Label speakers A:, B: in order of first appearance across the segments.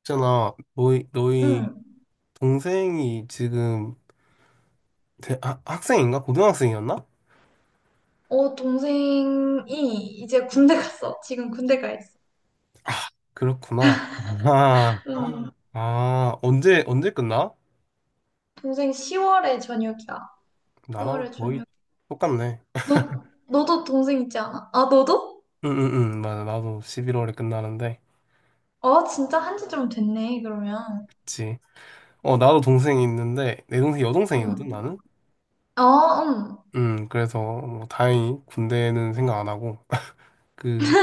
A: 있잖아, 너희
B: 응.
A: 동생이 지금 학생인가? 고등학생이었나?
B: 동생이 이제 군대 갔어. 지금 군대 가 있어.
A: 그렇구나. 아,
B: 응.
A: 아, 언제 끝나?
B: 동생 10월에 저녁이야.
A: 나랑
B: 10월에
A: 거의
B: 저녁.
A: 똑같네.
B: 너도 동생 있지 않아? 아, 너도?
A: 응, 응, 응, 맞아. 나도 11월에 끝나는데.
B: 진짜 한지 좀 됐네, 그러면.
A: 그치. 어, 나도 동생이 있는데, 내 동생 여동생이거든,
B: 응.
A: 나는?
B: 아, 응.
A: 응, 그래서 뭐 다행히 군대는 생각 안 하고. 그,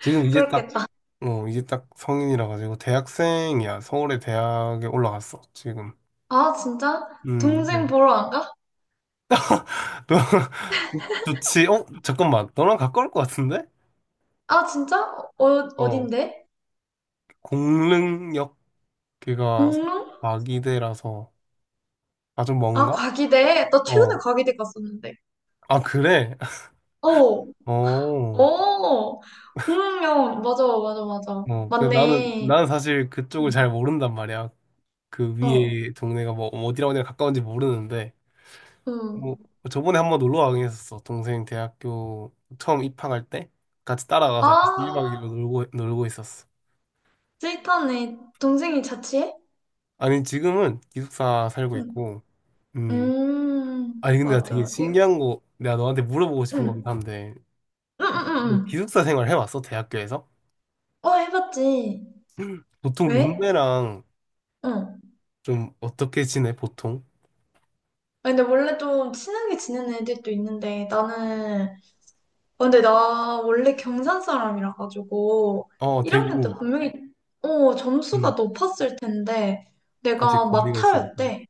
A: 지금 이제 딱,
B: 부럽겠다.
A: 어, 이제 딱 성인이라 가지고 대학생이야. 서울의 대학에 올라갔어, 지금.
B: 아, 진짜?
A: 네.
B: 동생 보러 안 가?
A: 좋지. 어, 잠깐만. 너랑 가까울 것 같은데?
B: 아, 진짜? 어,
A: 어,
B: 어딘데?
A: 공릉역 걔가
B: 공릉?
A: 마기대라서 아주
B: 아,
A: 먼가?
B: 과기대. 나 최근에
A: 어.
B: 과기대 갔었는데.
A: 아, 그래?
B: 어,
A: 어.
B: 어. 공릉역. 맞아, 맞아, 맞아.
A: 어. 그 나는
B: 맞네.
A: 나는 사실
B: 응.
A: 그쪽을 잘 모른단 말이야. 그
B: 어.
A: 위에 동네가 뭐 어디랑 어디랑 가까운지 모르는데 뭐
B: 응.
A: 저번에 한번 놀러 가긴 했었어. 동생 대학교 처음 입학할 때 같이 따라가서 약간 1박
B: 아,
A: 2일로 놀고 있었어.
B: 스윗하네. 동생이 자취해?
A: 아니 지금은 기숙사 살고
B: 응.
A: 있고 음. 아니 근데 나 되게
B: 맞아. 이, 응.
A: 신기한 거 내가 너한테 물어보고 싶은
B: 응,
A: 거긴 한데
B: 응, 응,
A: 너
B: 응.
A: 기숙사 생활 해봤어? 대학교에서?
B: 어, 해봤지.
A: 보통
B: 왜?
A: 룸메랑
B: 응.
A: 좀 어떻게 지내 보통?
B: 아, 근데 원래 좀 친하게 지내는 애들도 있는데, 나는, 어, 근데 나 원래 경산 사람이라 가지고,
A: 어
B: 1학년 때 아,
A: 대구
B: 분명히, 그래? 점수가
A: 응
B: 높았을 텐데,
A: 그치
B: 내가
A: 공비가 있으니까
B: 막타였대.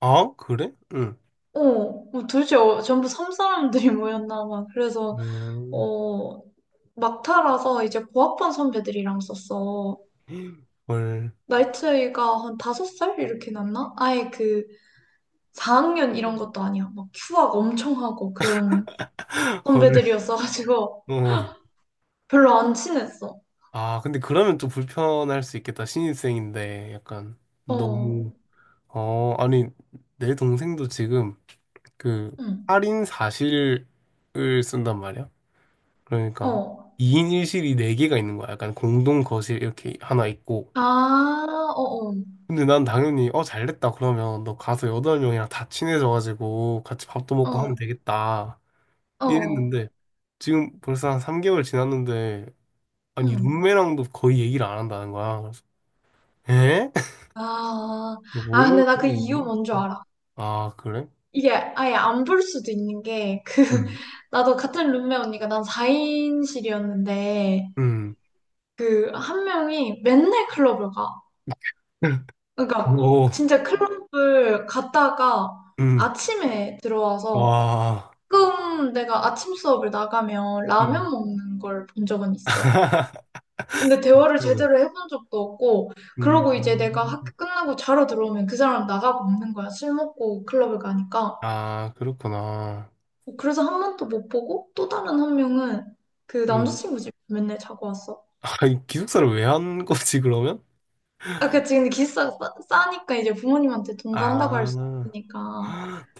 A: 아 그래? 응
B: 어, 뭐 도대체 전부 섬 사람들이 모였나 봐. 그래서,
A: 음,
B: 어, 막타라서 이제 고학번 선배들이랑 썼어.
A: 헐.
B: 나이 차이가 한 5살 이렇게 났나? 아예 그 4학년 이런 것도 아니야. 막 휴학 엄청 하고 그런
A: 헐.
B: 선배들이었어가지고
A: 어.
B: 별로 안 친했어.
A: 아, 근데 그러면 좀 불편할 수 있겠다. 신입생인데 약간
B: 어,
A: 너무 어, 아니 내 동생도 지금 그
B: 응,
A: 할인 사실을 쓴단 말이야. 그러니까
B: 어.
A: 2인 1실이 4개가 있는 거야. 약간 공동 거실 이렇게 하나 있고.
B: 아, 어,
A: 근데 난 당연히 어 잘됐다 그러면 너 가서 여덟 명이랑 다 친해져가지고 같이 밥도 먹고 하면
B: 어,
A: 되겠다.
B: 어, 어,
A: 이랬는데 지금 벌써 한 3개월 지났는데 아니
B: 응.
A: 룸메랑도 거의 얘기를 안 한다는 거야. 그래서 에?
B: 아, 아,
A: 원래
B: 근데 나 그
A: 그런
B: 이유
A: 건가?
B: 뭔줄 알아.
A: 아 그래?
B: 이게 아예 안 볼 수도 있는 게,
A: 음.
B: 나도 같은 룸메 언니가 난 4인실이었는데,
A: 음.
B: 그 한 명이 맨날 클럽을 가. 그러니까
A: 오.
B: 진짜 클럽을 갔다가
A: 음.
B: 아침에 들어와서
A: 와.
B: 가끔 내가 아침 수업을 나가면 라면
A: 음.
B: 먹는 걸 본 적은 있어. 근데 대화를
A: 네.
B: 제대로 해본 적도 없고,
A: 음.
B: 그러고 이제 내가 학교 끝나고 자러 들어오면 그 사람 나가고 없는 거야. 술 먹고 클럽을 가니까.
A: 아, 그렇구나.
B: 그래서 한 번도 못 보고 또 다른 한 명은 그
A: 음.
B: 남자친구 집 맨날 자고 왔어.
A: 아, 이 기숙사를 왜 한 거지, 그러면?
B: 아, 그치. 근데 기숙사가 싸니까 이제 부모님한테 동거한다고 할 수
A: 아,
B: 있으니까.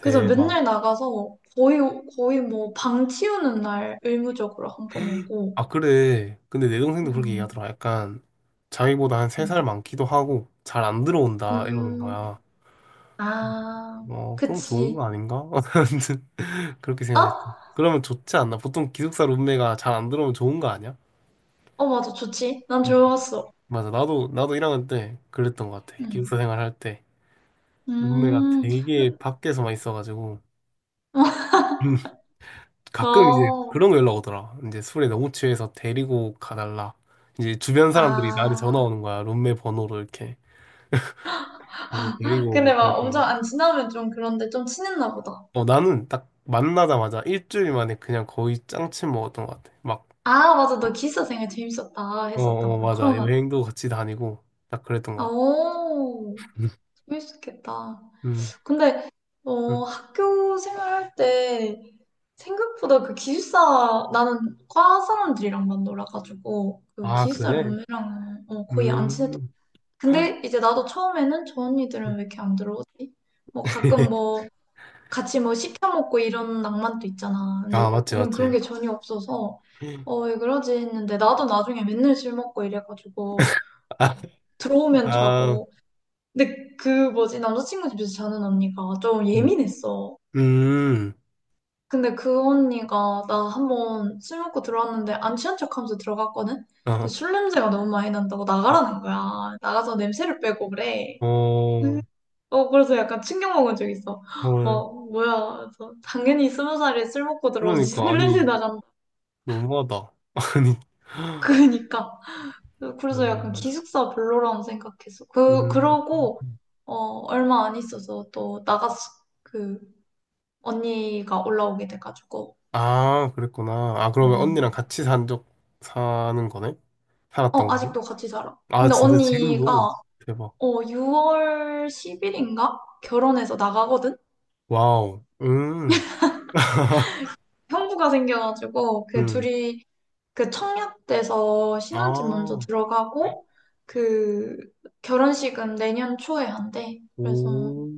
B: 그래서 맨날 나가서 뭐 거의 뭐 방 치우는 날 의무적으로 한번 오고.
A: 아, 그래. 근데 내 동생도 그렇게
B: 음,
A: 얘기하더라. 약간, 자기보다 한 3살 많기도 하고, 잘 안 들어온다, 이러는
B: 음,
A: 거야.
B: 아,
A: 어, 그럼 좋은 거
B: 그치.
A: 아닌가? 아무튼 그렇게 생각했어.
B: 어?
A: 그러면 좋지 않나? 보통 기숙사 룸메가 잘 안 들어오면 좋은 거 아니야?
B: 어, 맞아. 좋지. 난
A: 음.
B: 좋았어.
A: 맞아. 나도 1학년 때 그랬던 것 같아. 기숙사
B: 음,
A: 생활할 때. 룸메가
B: 음,
A: 되게
B: 음,
A: 밖에서만 있어가지고. 가끔 이제
B: 어,
A: 그런 거 연락 오더라. 이제 술에 너무 취해서 데리고 가달라. 이제 주변 사람들이 나한테 전화
B: 아.
A: 오는 거야. 룸메 번호로 이렇게. 그래서 데리고 오고
B: 근데 막
A: 그랬던
B: 엄청
A: 거야.
B: 안 친하면 좀 그런데 좀 친했나 보다.
A: 어, 나는 딱 만나자마자 일주일 만에 그냥 거의 짱친 먹었던 것 같아. 막,
B: 아, 맞아. 너 기숙사 생활 재밌었다
A: 어,
B: 했었다.
A: 어, 맞아.
B: 코로나
A: 여행도 같이 다니고 딱 그랬던 것
B: 아,
A: 같아.
B: 오, 재밌겠다.
A: 음,
B: 근데,
A: 음.
B: 학교 생활할 때 생각보다 그 기숙사, 나는 과 사람들이랑만 놀아가지고, 그
A: 아,
B: 기숙사
A: 그래?
B: 룸메랑은 거의 안 친했던.
A: 음.
B: 근데 이제 나도 처음에는 저 언니들은 왜 이렇게 안 들어오지? 뭐 가끔 뭐 같이 뭐 시켜먹고 이런 낭만도 있잖아. 근데
A: 아, 맞지,
B: 우린 그런
A: 맞지.
B: 게 전혀 없어서, 왜 그러지 했는데, 나도 나중에 맨날 술 먹고 이래가지고,
A: 아,
B: 들어오면
A: 아,
B: 자고, 근데 그 뭐지 남자친구 집에서 자는 언니가 좀
A: 음,
B: 예민했어.
A: 음.
B: 근데 그 언니가 나 한번 술 먹고 들어왔는데 안 취한 척하면서 들어갔거든. 근데
A: 어,
B: 술 냄새가 너무 많이 난다고
A: 아,
B: 나가라는 거야. 나가서 냄새를 빼고 그래. 음,
A: 어,
B: 그래서 약간 충격 먹은 적 있어.
A: 헐.
B: 어 뭐야? 그래서 당연히 스무 살에 술 먹고 들어오지
A: 그러니까
B: 술 냄새
A: 아니
B: 나간다.
A: 너무하다. 아니
B: 그러니까 그래서 약간
A: 음,
B: 기숙사 별로라고 생각했어. 그
A: 음.
B: 그러고 어 얼마 안 있어서 또 나갔어. 그, 언니가 올라오게 돼가지고.
A: 아 그랬구나. 아 그러면
B: 음.
A: 언니랑 같이 산 적 사는 거네? 살았던 거네?
B: 아직도 같이 살아.
A: 아
B: 근데
A: 진짜
B: 언니가
A: 지금도 대박.
B: 6월 10일인가? 결혼해서 나가거든?
A: 와우.
B: 형부가 생겨가지고 그
A: 음.
B: 둘이 그 청약돼서 신혼집 먼저
A: 아,
B: 들어가고 그 결혼식은 내년 초에 한대. 그래서
A: 오.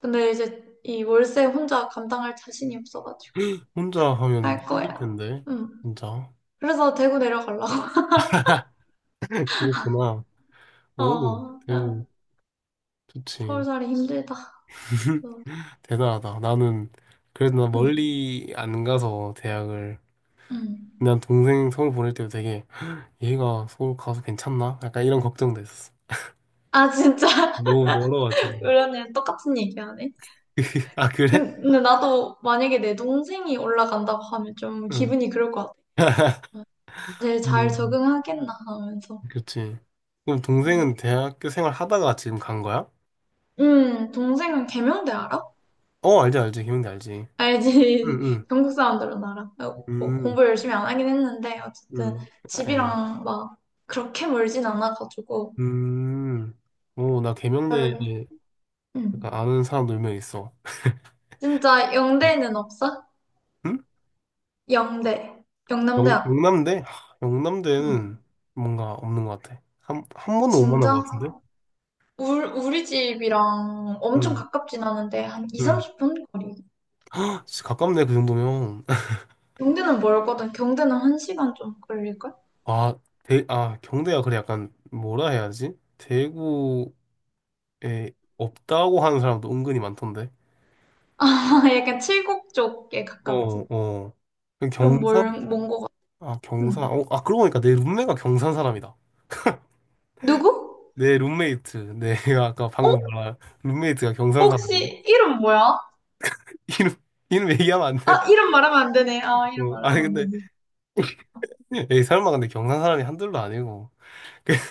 B: 근데 이제 이 월세 혼자 감당할 자신이 없어가지고
A: 혼자 하면
B: 할
A: 힘들
B: 거야.
A: 텐데
B: 응.
A: 진짜.
B: 그래서 대구 내려가려고.
A: 그렇구나.
B: 어,
A: 오,
B: 어.
A: 대구
B: 서울
A: 좋지.
B: 살이 힘들다. 어,
A: 대단하다. 나는 그래도 나
B: 응,
A: 멀리 안 가서 대학을
B: 응.
A: 난 동생 서울 보낼 때도 되게 얘가 서울 가서 괜찮나? 약간 이런 걱정도 있었어.
B: 아, 진짜.
A: 너무 멀어가지고.
B: 그러네 똑같은 얘기하네.
A: 아, 그래?
B: 근데 나도 만약에 내 동생이 올라간다고 하면 좀
A: 응.
B: 기분이 그럴 것 같아. 아, 제일 잘
A: 음.
B: 적응하겠나 하면서.
A: 그치. 그럼
B: 음,
A: 동생은 대학교 생활 하다가 지금 간 거야?
B: 동생은 계명대 알아?
A: 어, 알지, 알지. 기명대 알지.
B: 알지.
A: 응,
B: 경북 사람들은 알아.
A: 응,
B: 뭐
A: 응,
B: 공부 열심히 안 하긴 했는데, 어쨌든
A: 응. 아유.
B: 집이랑 막 그렇게 멀진 않아가지고.
A: 음. 오, 나 계명대에
B: 헐.
A: 약간
B: 음.
A: 아는 사람도 몇 명 있어.
B: 진짜 영대는 없어?
A: 응?
B: 영대.
A: 영,
B: 영남대학.
A: 영남대? 하, 영남대는
B: 음.
A: 뭔가 없는 것 같아. 한 번도 못 만난 것
B: 진짜?
A: 같은데?
B: 우리 집이랑 엄청
A: 응,
B: 가깝진 않은데 한 2,
A: 응.
B: 30분 거리.
A: 헉, 진짜 가깝네, 그 정도면.
B: 경대는 멀거든. 경대는 한시간좀 걸릴걸?
A: 아, 대, 아, 경대가 그래 약간 뭐라 해야 하지? 대구에 없다고 하는 사람도 은근히 많던데.
B: 아, 약간 칠곡 쪽에
A: 어, 어,
B: 가깝지.
A: 어. 그
B: 좀
A: 경산?
B: 먼거 같아.
A: 아, 경산.
B: 음.
A: 어, 아, 그러고 보니까 내 룸메가 경산 사람이다.
B: 누구?
A: 내 룸메이트. 내가 아까
B: 어?
A: 방금 말한 룸메이트가 경산 사람인데.
B: 혹시 이름 뭐야?
A: 이름, 이름 얘기하면 안 돼.
B: 아, 이름 말하면 안 되네. 아, 이름
A: 어, 아니,
B: 말하면 안
A: 근데,
B: 되네.
A: 에이, 설마 근데 경산 사람이 한둘도 아니고.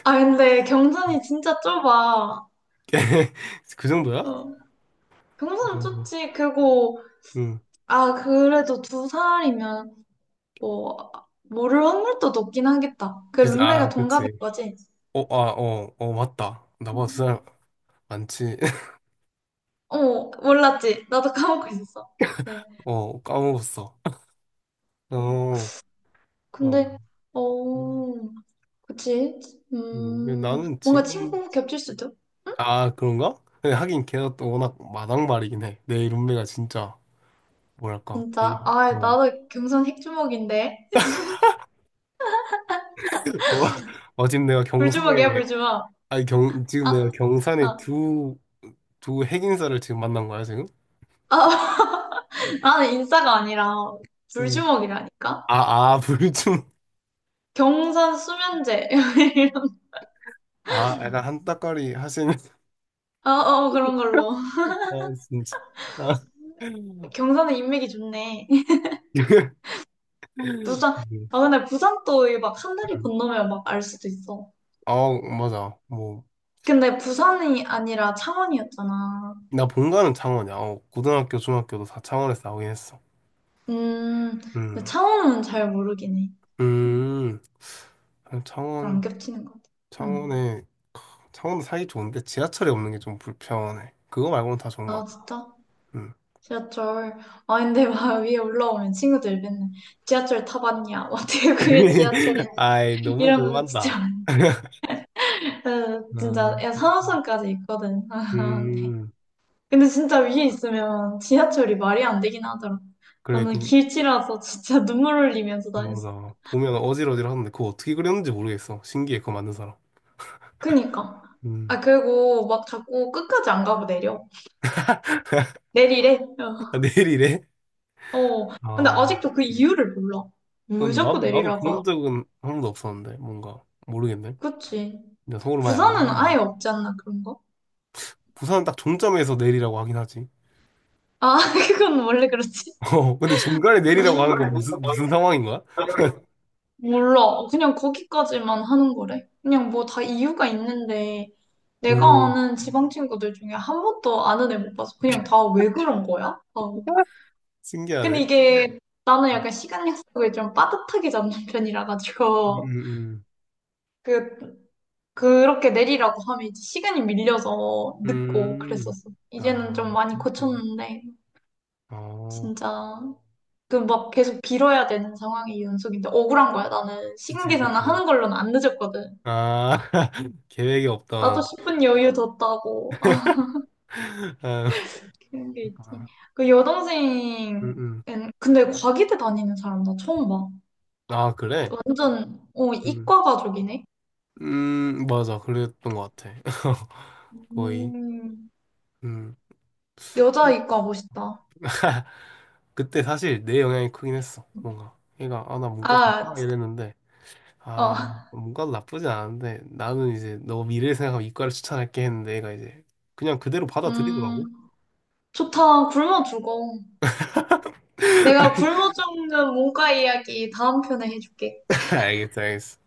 B: 아, 근데 경산이 진짜 좁아.
A: 그 정도야?
B: 어. 경산은
A: 어,
B: 좁지. 그리고,
A: 응.
B: 아, 그래도 2살이면, 뭐, 모를 확률도 높긴 하겠다. 그
A: 그치,
B: 룸메가
A: 아,
B: 동갑인
A: 그치.
B: 거지?
A: 어, 아, 어, 어, 맞다. 나보다 두
B: 응.
A: 사람 많지.
B: 몰랐지. 나도 까먹고 있었어. 네.
A: 어, 까먹었어. 어, 어.
B: 근데,
A: 음,
B: 어, 그치.
A: 나는
B: 뭔가
A: 지금,
B: 친구 겹칠 수도?
A: 아, 그런가? 근데 하긴 걔가 또 워낙 마당발이긴 해. 내 룸메가 진짜, 뭐랄까, 되게,
B: 진짜. 아,
A: 어.
B: 나도 경선 핵주먹인데.
A: 어, 지금 내가 경성에,
B: 불주먹이야, 불주먹.
A: 아니, 경, 지금 내가
B: 아,
A: 경산에
B: 아,
A: 두, 핵인사를 지금 만난 거야, 지금?
B: 아. 나는 인싸가 아니라
A: 음.
B: 불주먹이라니까?
A: 아, 아, 불좀,
B: 경선 수면제.
A: 아, 약간 한따까리 하시는,
B: 어, 어, 그런 걸로.
A: 아, 진짜. 아.
B: 경선에 인맥이 좋네. 부산, 아, 근데 부산 또막 하늘이
A: 음.
B: 건너면 막 알 수도 있어.
A: 아, 맞아. 뭐.
B: 근데 부산이 아니라 창원이었잖아.
A: 나 본가는 창원이야. 어, 고등학교, 중학교도 다 창원에서 나오긴 했어.
B: 음, 근데
A: 음,
B: 창원은 잘 모르긴 해. 음,
A: 음,
B: 잘안
A: 창원,
B: 겹치는 것 같아. 음.
A: 창원에, 창원도 살기 좋은데 지하철이 없는 게 좀 불편해. 그거 말고는 다 좋은 것
B: 아,
A: 같아.
B: 진짜?
A: 음.
B: 지하철. 아, 근데 막 위에 올라오면 친구들 맨날 지하철 타봤냐? 뭐 어떻게 그게 지하철이냐?
A: 아이, 너무
B: 이런
A: 그거
B: 거 진짜.
A: 한다.
B: 아, 진짜,
A: 음,
B: 야, 산호선까지 있거든. 아, 네.
A: 음,
B: 근데 진짜 위에 있으면 지하철이 말이 안 되긴 하더라.
A: 그래,
B: 나는
A: 그,
B: 길치라서 진짜 눈물 흘리면서 다녔어.
A: 맞아. 보면 어질어질하는데 그거 어떻게 그렸는지 모르겠어. 신기해, 그거 만든 사람.
B: 그니까.
A: 음.
B: 아, 그리고 막 자꾸 끝까지 안 가고 내려. 내리래.
A: 아, 내일이래?
B: 어. 어. 근데
A: 아,
B: 아직도 그 이유를 몰라. 왜
A: 근데
B: 자꾸
A: 난, 나도
B: 내리라고
A: 그런
B: 하지?
A: 적은 한 번도 없었는데, 뭔가. 모르겠네.
B: 그치.
A: 근데 서울 많이 안
B: 부산은 아예
A: 가는데.
B: 없지 않나, 그런 거?
A: 부산은 딱 종점에서 내리라고 하긴 하지.
B: 아, 그건 원래 그렇지.
A: 어, 근데 중간에 내리라고
B: 음.
A: 하는 건 무슨 상황인 거야?
B: 몰라. 그냥 거기까지만 하는 거래. 그냥 뭐 다 이유가 있는데, 내가
A: 음,
B: 아는 지방 친구들 중에 한 번도 아는 애 못 봐서 그냥 다 왜 그런 거야? 어. 근데
A: 신기하네.
B: 이게 나는 약간 시간 약속을 좀 빠듯하게 잡는 편이라
A: 음,
B: 가지고
A: 음,
B: 그 그렇게 내리라고 하면 이제 시간이 밀려서 늦고
A: 음.
B: 그랬었어.
A: 아...
B: 이제는 좀
A: 아,
B: 많이
A: 그렇구나.
B: 고쳤는데
A: 어,
B: 진짜 그 막 계속 빌어야 되는 상황이 연속인데 억울한 거야. 나는 시간
A: 그치,
B: 계산을
A: 그치.
B: 하는 걸로는 안 늦었거든.
A: 아, 계획이
B: 나도
A: 없던.
B: 10분 여유 뒀다고. 아,
A: 아,
B: 그런 게 있지.
A: 아,
B: 그
A: 음,
B: 여동생은
A: 음.
B: 근데 과기대 다니는 사람 나 처음 봐.
A: 아, 그래?
B: 완전
A: 음,
B: 이과 가족이네.
A: 맞아. 그랬던 것 같아. 거의.
B: 음,
A: 음.
B: 여자 이과 멋있다.
A: 그때 사실 내 영향이 크긴 했어. 뭔가. 얘가, 아, 나 문과 갈까?
B: 아,
A: 이랬는데. 아,
B: 어.
A: 문과도 나쁘지 않은데 나는 이제 너 미래를 생각하면 이과를 추천할게 했는데 얘가 이제 그냥 그대로
B: 음,
A: 받아들이더라고.
B: 좋다. 굶어 죽어. 내가 굶어 죽는 문과 이야기 다음 편에 해줄게.
A: 알겠어, 알겠어.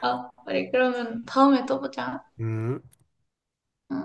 B: 아, 우리 그러면 다음에 또 보자.
A: 음.
B: 음.